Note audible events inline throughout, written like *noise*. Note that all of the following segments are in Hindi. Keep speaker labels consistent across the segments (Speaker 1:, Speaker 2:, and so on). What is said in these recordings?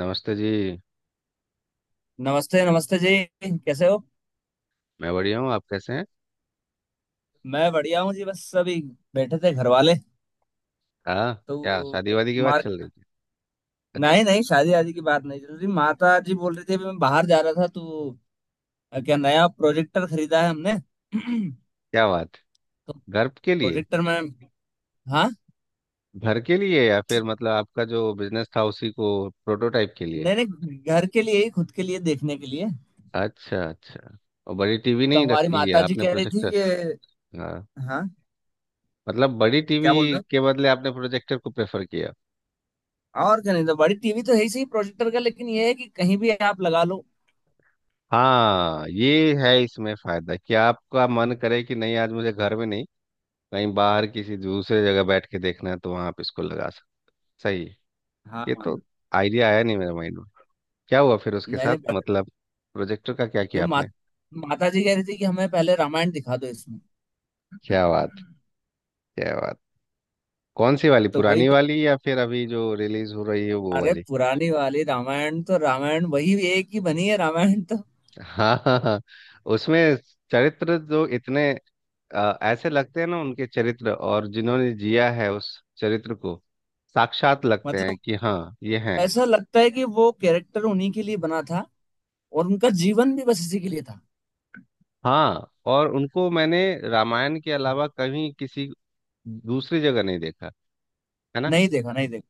Speaker 1: नमस्ते जी।
Speaker 2: नमस्ते नमस्ते जी। कैसे हो?
Speaker 1: मैं बढ़िया हूँ, आप कैसे हैं?
Speaker 2: मैं बढ़िया हूँ जी। बस अभी बैठे थे घर वाले
Speaker 1: हाँ। क्या
Speaker 2: तो।
Speaker 1: शादी वादी की बात
Speaker 2: मार
Speaker 1: चल रही है?
Speaker 2: नहीं नहीं, शादी आदि की बात नहीं चल रही। माता जी बोल रही थी, अभी मैं बाहर जा रहा था तो क्या नया प्रोजेक्टर खरीदा है हमने। *clears throat*
Speaker 1: क्या बात!
Speaker 2: तो
Speaker 1: घर के लिए?
Speaker 2: प्रोजेक्टर में। हाँ,
Speaker 1: घर के लिए या फिर मतलब आपका जो बिजनेस था उसी को प्रोटोटाइप के लिए?
Speaker 2: नहीं नहीं, घर के लिए ही, खुद के लिए देखने के लिए।
Speaker 1: अच्छा अच्छा। और बड़ी टीवी
Speaker 2: तो
Speaker 1: नहीं रख
Speaker 2: हमारी माता
Speaker 1: लिया
Speaker 2: जी
Speaker 1: आपने,
Speaker 2: कह रही थी
Speaker 1: प्रोजेक्टर?
Speaker 2: कि,
Speaker 1: हाँ।
Speaker 2: हाँ,
Speaker 1: मतलब बड़ी
Speaker 2: क्या
Speaker 1: टीवी
Speaker 2: बोल रहे
Speaker 1: के बदले आपने प्रोजेक्टर को प्रेफर किया।
Speaker 2: हो? और क्या, नहीं तो बड़ी टीवी तो है ही सही, प्रोजेक्टर का लेकिन ये है कि कहीं भी आप लगा लो।
Speaker 1: हाँ ये है, इसमें फायदा कि आपका मन करे कि नहीं आज मुझे घर में नहीं, कहीं बाहर किसी दूसरे जगह बैठ के देखना है तो वहां आप इसको लगा सकते। सही है।
Speaker 2: हाँ
Speaker 1: ये तो
Speaker 2: हाँ,
Speaker 1: आइडिया आया नहीं मेरे माइंड में। क्या हुआ फिर उसके
Speaker 2: नहीं
Speaker 1: साथ,
Speaker 2: नहीं,
Speaker 1: मतलब प्रोजेक्टर का क्या
Speaker 2: कि
Speaker 1: किया आपने?
Speaker 2: माता जी कह रही थी कि हमें पहले रामायण दिखा दो इसमें।
Speaker 1: क्या बात! क्या बात! कौन सी वाली,
Speaker 2: तो वही,
Speaker 1: पुरानी वाली या फिर अभी जो रिलीज हो रही है वो
Speaker 2: अरे,
Speaker 1: वाली?
Speaker 2: पुरानी वाली रामायण तो, रामायण वही एक ही बनी है, रामायण तो।
Speaker 1: हाँ हाँ हाँ। उसमें चरित्र जो इतने ऐसे लगते हैं ना, उनके चरित्र, और जिन्होंने जिया है उस चरित्र को, साक्षात लगते हैं
Speaker 2: मतलब
Speaker 1: कि हाँ ये हैं।
Speaker 2: ऐसा लगता है कि वो कैरेक्टर उन्हीं के लिए बना था और उनका जीवन भी बस इसी के लिए था।
Speaker 1: हाँ, और उनको मैंने रामायण के अलावा कहीं किसी दूसरी जगह नहीं देखा, है ना?
Speaker 2: नहीं देखा, नहीं देखा।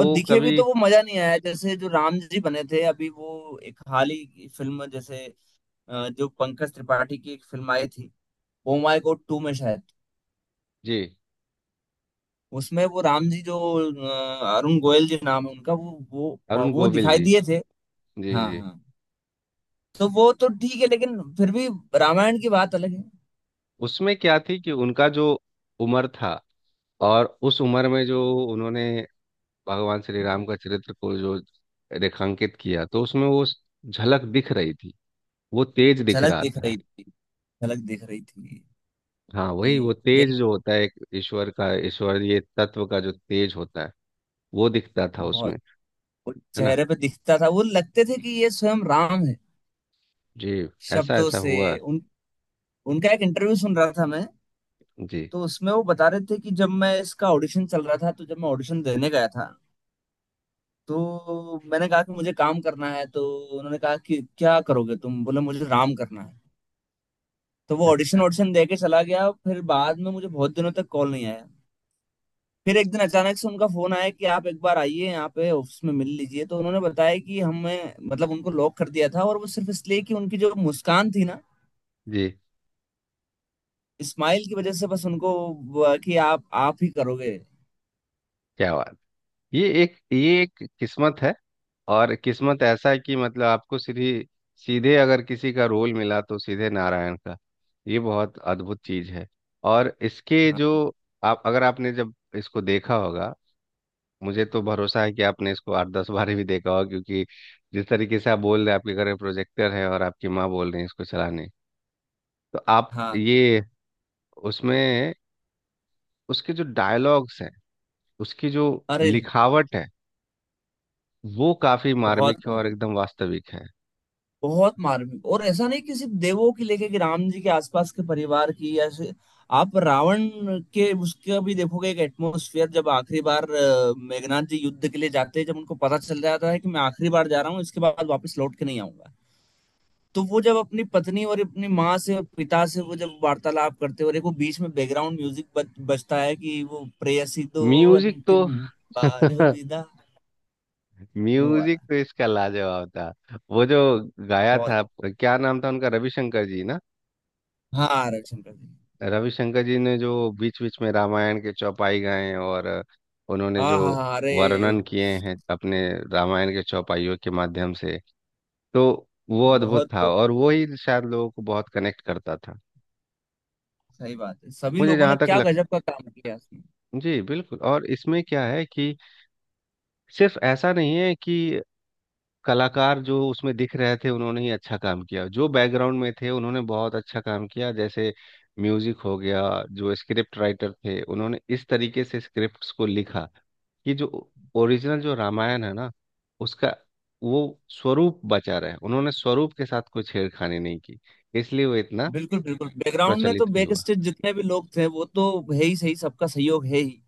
Speaker 2: और दिखे भी
Speaker 1: कभी।
Speaker 2: तो वो मजा नहीं आया, जैसे जो राम जी बने थे अभी वो एक हाल ही की फिल्म, जैसे जो पंकज त्रिपाठी की एक फिल्म आई थी, ओ माय गॉड टू में शायद।
Speaker 1: जी।
Speaker 2: उसमें वो राम जी जो, अरुण गोयल जी नाम है उनका, वो वो
Speaker 1: अरुण
Speaker 2: वो
Speaker 1: गोविल
Speaker 2: दिखाई
Speaker 1: जी।
Speaker 2: दिए थे।
Speaker 1: जी
Speaker 2: हाँ
Speaker 1: जी।
Speaker 2: हाँ। तो वो तो ठीक है लेकिन फिर भी रामायण की बात अलग है।
Speaker 1: उसमें क्या थी कि उनका जो उम्र था, और उस उम्र में जो उन्होंने भगवान श्री राम का चरित्र को जो रेखांकित किया, तो उसमें वो झलक दिख रही थी, वो तेज दिख
Speaker 2: झलक
Speaker 1: रहा
Speaker 2: दिख
Speaker 1: था।
Speaker 2: रही थी, झलक दिख रही थी,
Speaker 1: हाँ,
Speaker 2: कि
Speaker 1: वही वो तेज
Speaker 2: यही।
Speaker 1: जो होता है एक ईश्वर का, ईश्वरीय तत्व का जो तेज होता है, वो दिखता था उसमें,
Speaker 2: बहुत, वो
Speaker 1: है ना।
Speaker 2: चेहरे पे दिखता था, वो लगते थे कि ये स्वयं राम है।
Speaker 1: जी। ऐसा
Speaker 2: शब्दों
Speaker 1: ऐसा
Speaker 2: से
Speaker 1: हुआ।
Speaker 2: उन उनका एक इंटरव्यू सुन रहा था मैं।
Speaker 1: जी।
Speaker 2: तो उसमें वो बता रहे थे कि जब मैं इसका ऑडिशन चल रहा था, तो जब मैं ऑडिशन देने गया था तो मैंने कहा कि मुझे काम करना है, तो उन्होंने कहा कि क्या करोगे तुम? बोले मुझे राम करना है। तो वो ऑडिशन
Speaker 1: अच्छा।
Speaker 2: ऑडिशन दे के चला गया, फिर बाद में मुझे बहुत दिनों तक कॉल नहीं आया। फिर एक दिन अचानक से उनका फोन आया कि आप एक बार आइए, यहाँ पे ऑफिस में मिल लीजिए। तो उन्होंने बताया कि हमें, मतलब उनको लॉक कर दिया था, और वो सिर्फ इसलिए कि उनकी जो मुस्कान थी ना,
Speaker 1: जी।
Speaker 2: स्माइल की वजह से बस उनको वो कि आप ही करोगे।
Speaker 1: क्या बात! ये एक किस्मत है। और किस्मत ऐसा है कि मतलब आपको सीधी, सीधे अगर किसी का रोल मिला तो सीधे नारायण का, ये बहुत अद्भुत चीज है। और इसके
Speaker 2: हाँ
Speaker 1: जो, आप अगर आपने जब इसको देखा होगा, मुझे तो भरोसा है कि आपने इसको आठ दस बार भी देखा होगा, क्योंकि जिस तरीके से आप बोल रहे हैं आपके घर में प्रोजेक्टर है और आपकी माँ बोल रही है इसको चलाने। तो आप
Speaker 2: हाँ,
Speaker 1: ये उसमें, उसके जो डायलॉग्स हैं, उसकी जो
Speaker 2: अरे,
Speaker 1: लिखावट है, वो काफी मार्मिक
Speaker 2: बहुत
Speaker 1: है और
Speaker 2: बहुत
Speaker 1: एकदम वास्तविक है।
Speaker 2: बहुत मार्मिक, और ऐसा नहीं कि सिर्फ देवों की लेके कि राम जी के आसपास के परिवार की, या आप रावण के उसका भी देखोगे एक एटमोस्फियर। जब आखिरी बार मेघनाथ जी युद्ध के लिए जाते हैं, जब उनको पता चल जाता है कि मैं आखिरी बार जा रहा हूँ, इसके बाद वापस लौट के नहीं आऊंगा, तो वो जब अपनी पत्नी और अपनी माँ से और पिता से वो जब वार्तालाप करते हैं, और एक वो बीच में बैकग्राउंड म्यूजिक बजता है कि वो प्रेयसी दो
Speaker 1: म्यूजिक तो।
Speaker 2: अंतिम बार
Speaker 1: *laughs*
Speaker 2: विदा, वो
Speaker 1: म्यूजिक
Speaker 2: वाला।
Speaker 1: तो इसका लाजवाब था। वो जो गाया
Speaker 2: बहुत।
Speaker 1: था, क्या नाम था उनका, रविशंकर जी ना?
Speaker 2: हाँ, रविशंकर जी।
Speaker 1: रविशंकर जी ने जो बीच बीच में रामायण के चौपाई गाए, और उन्होंने
Speaker 2: हाँ
Speaker 1: जो
Speaker 2: हाँ हाँ, अरे,
Speaker 1: वर्णन किए हैं अपने रामायण के चौपाइयों के माध्यम से, तो वो अद्भुत
Speaker 2: बहुत
Speaker 1: था,
Speaker 2: बहुत
Speaker 1: और वो ही शायद लोगों को बहुत कनेक्ट करता था।
Speaker 2: सही बात है। सभी
Speaker 1: मुझे
Speaker 2: लोगों
Speaker 1: जहाँ
Speaker 2: ने
Speaker 1: तक
Speaker 2: क्या
Speaker 1: लग।
Speaker 2: गजब का काम किया इसमें।
Speaker 1: जी बिल्कुल। और इसमें क्या है कि सिर्फ ऐसा नहीं है कि कलाकार जो उसमें दिख रहे थे उन्होंने ही अच्छा काम किया, जो बैकग्राउंड में थे उन्होंने बहुत अच्छा काम किया, जैसे म्यूजिक हो गया, जो स्क्रिप्ट राइटर थे उन्होंने इस तरीके से स्क्रिप्ट्स को लिखा कि जो ओरिजिनल जो रामायण है ना, उसका वो स्वरूप बचा रहे, उन्होंने स्वरूप के साथ कोई छेड़खानी नहीं की, इसलिए वो इतना
Speaker 2: बिल्कुल बिल्कुल, बैकग्राउंड में तो
Speaker 1: प्रचलित भी
Speaker 2: बैक
Speaker 1: हुआ।
Speaker 2: स्टेज जितने भी लोग थे वो तो है ही सही, सबका सहयोग है ही।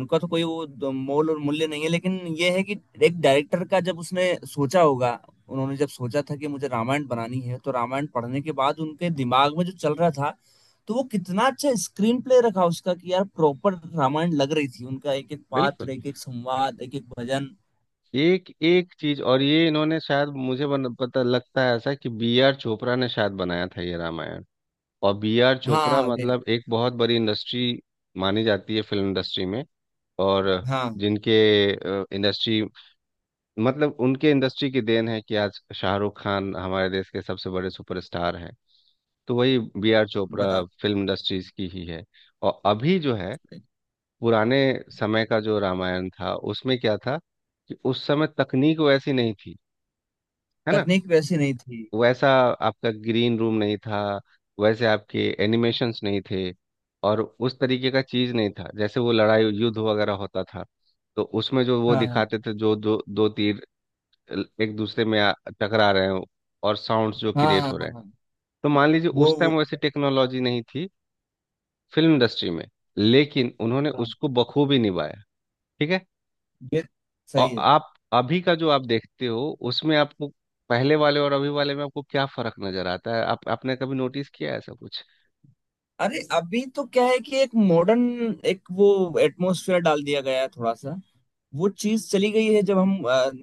Speaker 2: उनका तो कोई वो मोल और मूल्य नहीं है, लेकिन ये है कि एक डायरेक्टर का जब उसने सोचा होगा, उन्होंने जब सोचा था कि मुझे रामायण बनानी है, तो रामायण पढ़ने के बाद उनके दिमाग में जो चल रहा था, तो वो कितना अच्छा स्क्रीन प्ले रखा उसका, कि यार प्रॉपर रामायण लग रही थी। उनका एक एक पात्र,
Speaker 1: बिल्कुल।
Speaker 2: एक एक संवाद, एक एक भजन।
Speaker 1: एक एक चीज। और ये इन्होंने शायद मुझे पता लगता है ऐसा कि बी आर चोपड़ा ने शायद बनाया था ये रामायण। और बी आर चोपड़ा
Speaker 2: हाँ
Speaker 1: मतलब एक बहुत बड़ी इंडस्ट्री मानी जाती है फिल्म इंडस्ट्री में। और
Speaker 2: हाँ हाँ,
Speaker 1: जिनके इंडस्ट्री, मतलब उनके इंडस्ट्री की देन है कि आज शाहरुख खान हमारे देश के सबसे बड़े सुपरस्टार हैं। तो वही बी आर
Speaker 2: बता।
Speaker 1: चोपड़ा फिल्म इंडस्ट्रीज की ही है। और अभी जो है, पुराने समय का जो रामायण था उसमें क्या था कि उस समय तकनीक वैसी नहीं थी, है ना।
Speaker 2: तकनीक वैसी नहीं थी।
Speaker 1: वैसा आपका ग्रीन रूम नहीं था, वैसे आपके एनिमेशंस नहीं थे, और उस तरीके का चीज नहीं था, जैसे वो लड़ाई युद्ध वगैरह होता था, तो उसमें जो वो
Speaker 2: हाँ हाँ
Speaker 1: दिखाते थे जो दो दो तीर एक दूसरे में टकरा रहे हो, और साउंड्स जो
Speaker 2: हाँ
Speaker 1: क्रिएट
Speaker 2: हाँ
Speaker 1: हो रहे
Speaker 2: हाँ,
Speaker 1: हैं,
Speaker 2: हाँ,
Speaker 1: तो मान लीजिए
Speaker 2: वो
Speaker 1: उस
Speaker 2: वो
Speaker 1: टाइम वैसी टेक्नोलॉजी नहीं थी फिल्म इंडस्ट्री में, लेकिन उन्होंने
Speaker 2: हाँ,
Speaker 1: उसको बखूबी निभाया। ठीक है।
Speaker 2: ये सही
Speaker 1: और
Speaker 2: है।
Speaker 1: आप अभी का जो आप देखते हो उसमें आपको, पहले वाले और अभी वाले में आपको क्या फर्क नजर आता है, आप आपने कभी नोटिस किया है ऐसा कुछ?
Speaker 2: अरे अभी तो क्या है कि एक मॉडर्न, एक वो एटमॉस्फेयर डाल दिया गया है थोड़ा सा। वो चीज चली गई है, जब हम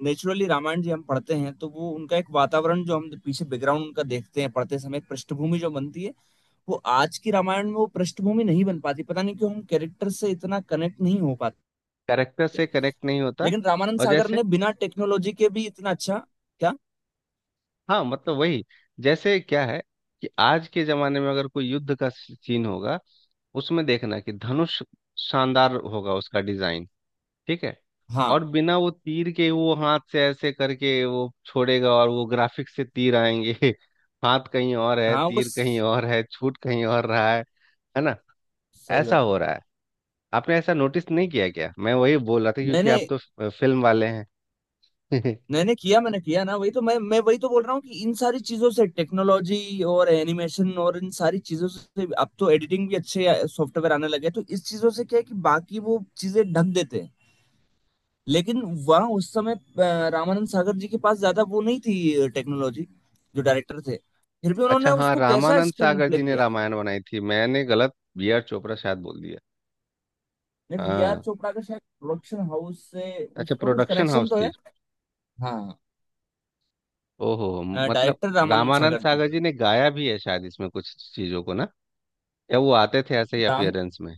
Speaker 2: नेचुरली रामायण जी हम पढ़ते हैं तो वो उनका एक वातावरण जो हम पीछे बैकग्राउंड उनका देखते हैं, पढ़ते समय एक पृष्ठभूमि जो बनती है, वो आज की रामायण में वो पृष्ठभूमि नहीं बन पाती, पता नहीं क्यों, हम कैरेक्टर से इतना कनेक्ट नहीं हो पाते।
Speaker 1: कैरेक्टर से कनेक्ट नहीं होता।
Speaker 2: लेकिन रामानंद
Speaker 1: और
Speaker 2: सागर
Speaker 1: जैसे।
Speaker 2: ने बिना टेक्नोलॉजी के भी इतना अच्छा, क्या।
Speaker 1: हाँ मतलब वही। जैसे क्या है कि आज के जमाने में अगर कोई युद्ध का सीन होगा, उसमें देखना कि धनुष शानदार होगा उसका डिजाइन, ठीक है,
Speaker 2: हाँ
Speaker 1: और बिना वो तीर के वो हाथ से ऐसे करके वो छोड़ेगा और वो ग्राफिक्स से तीर आएंगे। *laughs* हाथ कहीं और है,
Speaker 2: हाँ,
Speaker 1: तीर कहीं
Speaker 2: उस
Speaker 1: और है, छूट कहीं और रहा है ना?
Speaker 2: सही
Speaker 1: ऐसा
Speaker 2: बात है।
Speaker 1: हो रहा है। आपने ऐसा नोटिस नहीं किया क्या, मैं वही बोल रहा था, क्योंकि
Speaker 2: मैंने
Speaker 1: आप तो फिल्म वाले हैं। *laughs*
Speaker 2: मैंने किया, मैंने किया ना, वही तो, मैं वही तो बोल रहा हूँ कि इन सारी चीजों से, टेक्नोलॉजी और एनिमेशन, और इन सारी चीजों से, अब तो एडिटिंग भी अच्छे सॉफ्टवेयर आने लगे हैं, तो इस चीजों से क्या है कि बाकी वो चीजें ढक देते हैं। लेकिन वहाँ उस समय रामानंद सागर जी के पास ज्यादा वो नहीं थी टेक्नोलॉजी, जो डायरेक्टर थे। फिर भी
Speaker 1: अच्छा
Speaker 2: उन्होंने
Speaker 1: हाँ,
Speaker 2: उसको कैसा
Speaker 1: रामानंद
Speaker 2: स्क्रीन
Speaker 1: सागर
Speaker 2: प्ले
Speaker 1: जी ने
Speaker 2: किया।
Speaker 1: रामायण बनाई थी, मैंने गलत बी आर चोपड़ा शायद बोल दिया।
Speaker 2: वी आर
Speaker 1: हाँ
Speaker 2: चोपड़ा का शायद प्रोडक्शन हाउस से
Speaker 1: अच्छा,
Speaker 2: उसका कुछ
Speaker 1: प्रोडक्शन
Speaker 2: कनेक्शन
Speaker 1: हाउस
Speaker 2: तो
Speaker 1: थी।
Speaker 2: है। हाँ।
Speaker 1: ओहो। मतलब
Speaker 2: डायरेक्टर रामानंद
Speaker 1: रामानंद
Speaker 2: सागर जी
Speaker 1: सागर जी ने गाया भी है शायद इसमें कुछ चीजों को ना, या वो आते थे ऐसे ही
Speaker 2: थे।
Speaker 1: अपियरेंस में?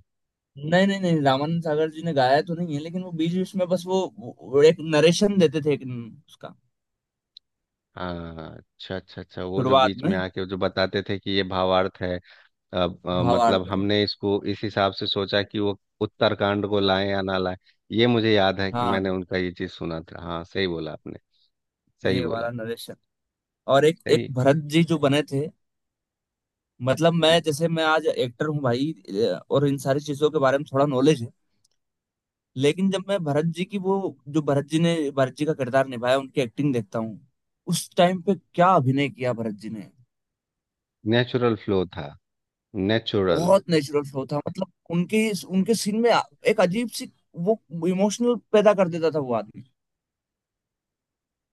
Speaker 2: नहीं नहीं नहीं, रामानंद सागर जी ने गाया तो नहीं है, लेकिन वो बीच बीच में बस वो एक नरेशन देते थे, एक उसका
Speaker 1: हाँ अच्छा अच्छा अच्छा, वो जो
Speaker 2: शुरुआत
Speaker 1: बीच
Speaker 2: में
Speaker 1: में आके वो जो बताते थे कि ये भावार्थ है, अब मतलब
Speaker 2: भावार्थ है।
Speaker 1: हमने इसको इस हिसाब से सोचा कि वो उत्तरकांड को लाएं या ना लाएं। ये मुझे याद है कि
Speaker 2: हाँ,
Speaker 1: मैंने उनका ये चीज सुना था। हाँ सही बोला आपने, सही
Speaker 2: ये वाला
Speaker 1: बोला।
Speaker 2: नरेशन। और एक एक
Speaker 1: सही।
Speaker 2: भरत जी जो बने थे, मतलब मैं, जैसे मैं आज एक्टर हूँ भाई, और इन सारी चीजों के बारे में थोड़ा नॉलेज है, लेकिन जब मैं भरत जी की वो, जो भरत जी ने, भरत जी का किरदार निभाया, उनकी एक्टिंग देखता हूँ, उस टाइम पे क्या अभिनय किया भरत जी ने।
Speaker 1: नेचुरल फ्लो था, नेचुरल।
Speaker 2: बहुत नेचुरल फ्लो था, मतलब उनके उनके सीन में एक अजीब सी वो इमोशनल पैदा कर देता था वो आदमी।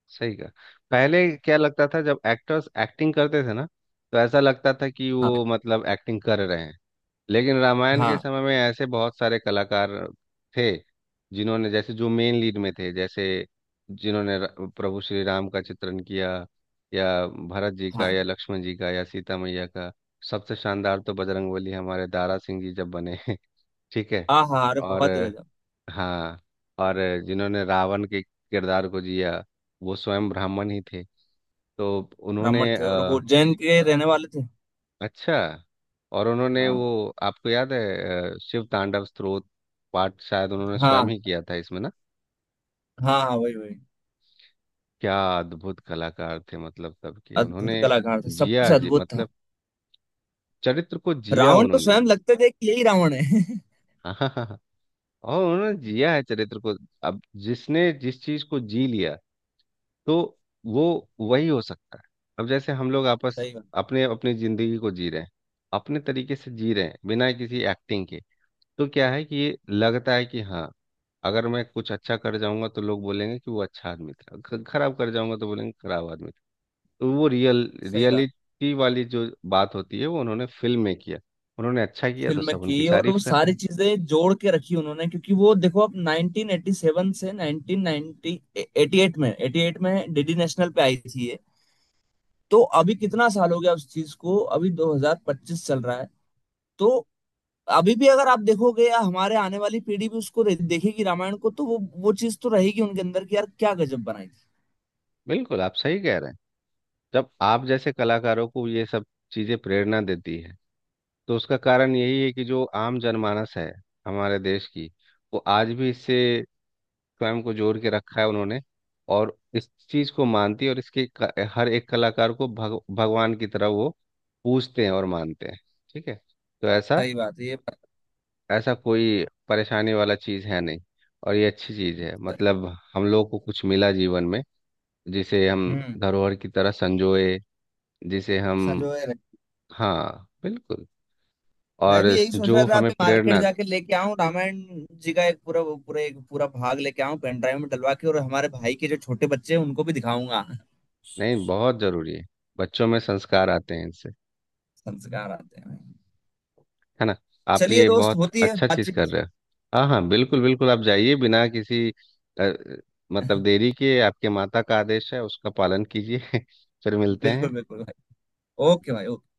Speaker 1: सही का। पहले क्या लगता था जब एक्टर्स एक्टिंग करते थे ना, तो ऐसा लगता था कि
Speaker 2: हाँ
Speaker 1: वो मतलब एक्टिंग कर रहे हैं, लेकिन रामायण के
Speaker 2: हाँ
Speaker 1: समय में ऐसे बहुत सारे कलाकार थे, जिन्होंने जैसे जो मेन लीड में थे, जैसे जिन्होंने प्रभु श्री राम का चित्रण किया, या भरत जी का
Speaker 2: हाँ
Speaker 1: या लक्ष्मण जी का या सीता मैया का। सबसे शानदार तो बजरंगबली हमारे दारा सिंह जी जब बने। *laughs* ठीक है।
Speaker 2: हाँ हाँ, अरे
Speaker 1: और
Speaker 2: बहुत ही गजब।
Speaker 1: हाँ। और जिन्होंने रावण के किरदार को जिया, वो स्वयं ब्राह्मण ही थे, तो उन्होंने।
Speaker 2: ब्राह्मण थे, और वो जैन के रहने वाले थे।
Speaker 1: अच्छा। और उन्होंने
Speaker 2: हाँ
Speaker 1: वो आपको याद है शिव तांडव स्तोत्र पाठ शायद उन्होंने स्वयं
Speaker 2: हाँ
Speaker 1: ही किया था इसमें ना?
Speaker 2: हाँ हाँ, वही वही।
Speaker 1: क्या अद्भुत कलाकार थे, मतलब सबके उन्होंने
Speaker 2: अद्भुत कलाकार थे, सब कुछ
Speaker 1: जिया जी,
Speaker 2: अद्भुत था।
Speaker 1: मतलब चरित्र को जिया
Speaker 2: रावण तो
Speaker 1: उन्होंने।
Speaker 2: स्वयं लगते थे कि यही रावण है। *laughs*
Speaker 1: *laughs* हाँ हाँ हाँ हाँ। और उन्होंने जिया है चरित्र को। अब जिसने जिस चीज को जी लिया, तो वो वही हो सकता है। अब जैसे हम लोग आपस,
Speaker 2: सही बात,
Speaker 1: अपने अपनी जिंदगी को जी रहे हैं, अपने तरीके से जी रहे हैं बिना किसी एक्टिंग के, तो क्या है कि ये लगता है कि हाँ, अगर मैं कुछ अच्छा कर जाऊंगा तो लोग बोलेंगे कि वो अच्छा आदमी था, खराब कर जाऊंगा तो बोलेंगे खराब आदमी था। तो वो रियल,
Speaker 2: सही बात।
Speaker 1: रियलिटी वाली जो बात होती है वो उन्होंने फिल्म में किया। उन्होंने अच्छा किया तो
Speaker 2: फिल्म में
Speaker 1: सब उनकी
Speaker 2: की, और वो
Speaker 1: तारीफ कर रहे
Speaker 2: सारी
Speaker 1: हैं।
Speaker 2: चीजें जोड़ के रखी उन्होंने, क्योंकि वो देखो अब 1987 से 1990, 88 में, 88 में डीडी नेशनल पे आई थी। तो अभी कितना साल हो गया उस चीज को, अभी 2025 चल रहा है। तो अभी भी अगर आप देखोगे या हमारे आने वाली पीढ़ी भी उसको देखेगी रामायण को, तो वो चीज तो रहेगी उनके अंदर कि यार क्या गजब बनाई थी।
Speaker 1: बिल्कुल आप सही कह रहे हैं। जब आप जैसे कलाकारों को ये सब चीजें प्रेरणा देती है, तो उसका कारण यही है कि जो आम जनमानस है हमारे देश की, वो आज भी इससे स्वयं को जोड़ के रखा है उन्होंने, और इस चीज को मानती है, और इसके हर एक कलाकार को भगवान की तरह वो पूजते हैं और मानते हैं। ठीक है। तो ऐसा,
Speaker 2: सही बात है, ये बात
Speaker 1: ऐसा कोई परेशानी वाला चीज है नहीं। और ये अच्छी चीज है,
Speaker 2: तो है।
Speaker 1: मतलब हम लोग को कुछ मिला जीवन में, जिसे हम
Speaker 2: हम्म
Speaker 1: धरोहर की तरह संजोए, जिसे हम।
Speaker 2: संजोए रहे।
Speaker 1: हाँ बिल्कुल।
Speaker 2: मैं
Speaker 1: और
Speaker 2: भी यही सोच रहा
Speaker 1: जो
Speaker 2: था,
Speaker 1: हमें
Speaker 2: अभी मार्केट
Speaker 1: प्रेरणा।
Speaker 2: जाके लेके आऊं रामायण जी का एक पूरा, वो पूरा एक पूरा भाग लेके आऊं, पेन ड्राइव में डलवा के, और हमारे भाई के जो छोटे बच्चे हैं उनको भी दिखाऊंगा।
Speaker 1: नहीं बहुत जरूरी है, बच्चों में संस्कार आते हैं इनसे,
Speaker 2: संस्कार आते हैं।
Speaker 1: है ना? आप
Speaker 2: चलिए,
Speaker 1: ये
Speaker 2: दोस्त,
Speaker 1: बहुत
Speaker 2: होती है
Speaker 1: अच्छा चीज
Speaker 2: बातचीत।
Speaker 1: कर रहे हो। हाँ हाँ बिल्कुल बिल्कुल, आप जाइए बिना किसी अ, मतलब
Speaker 2: *laughs*
Speaker 1: देरी के, आपके माता का आदेश है उसका पालन कीजिए। *laughs* फिर मिलते
Speaker 2: बिल्कुल
Speaker 1: हैं।
Speaker 2: बिल्कुल भाई, ओके भाई, ओके।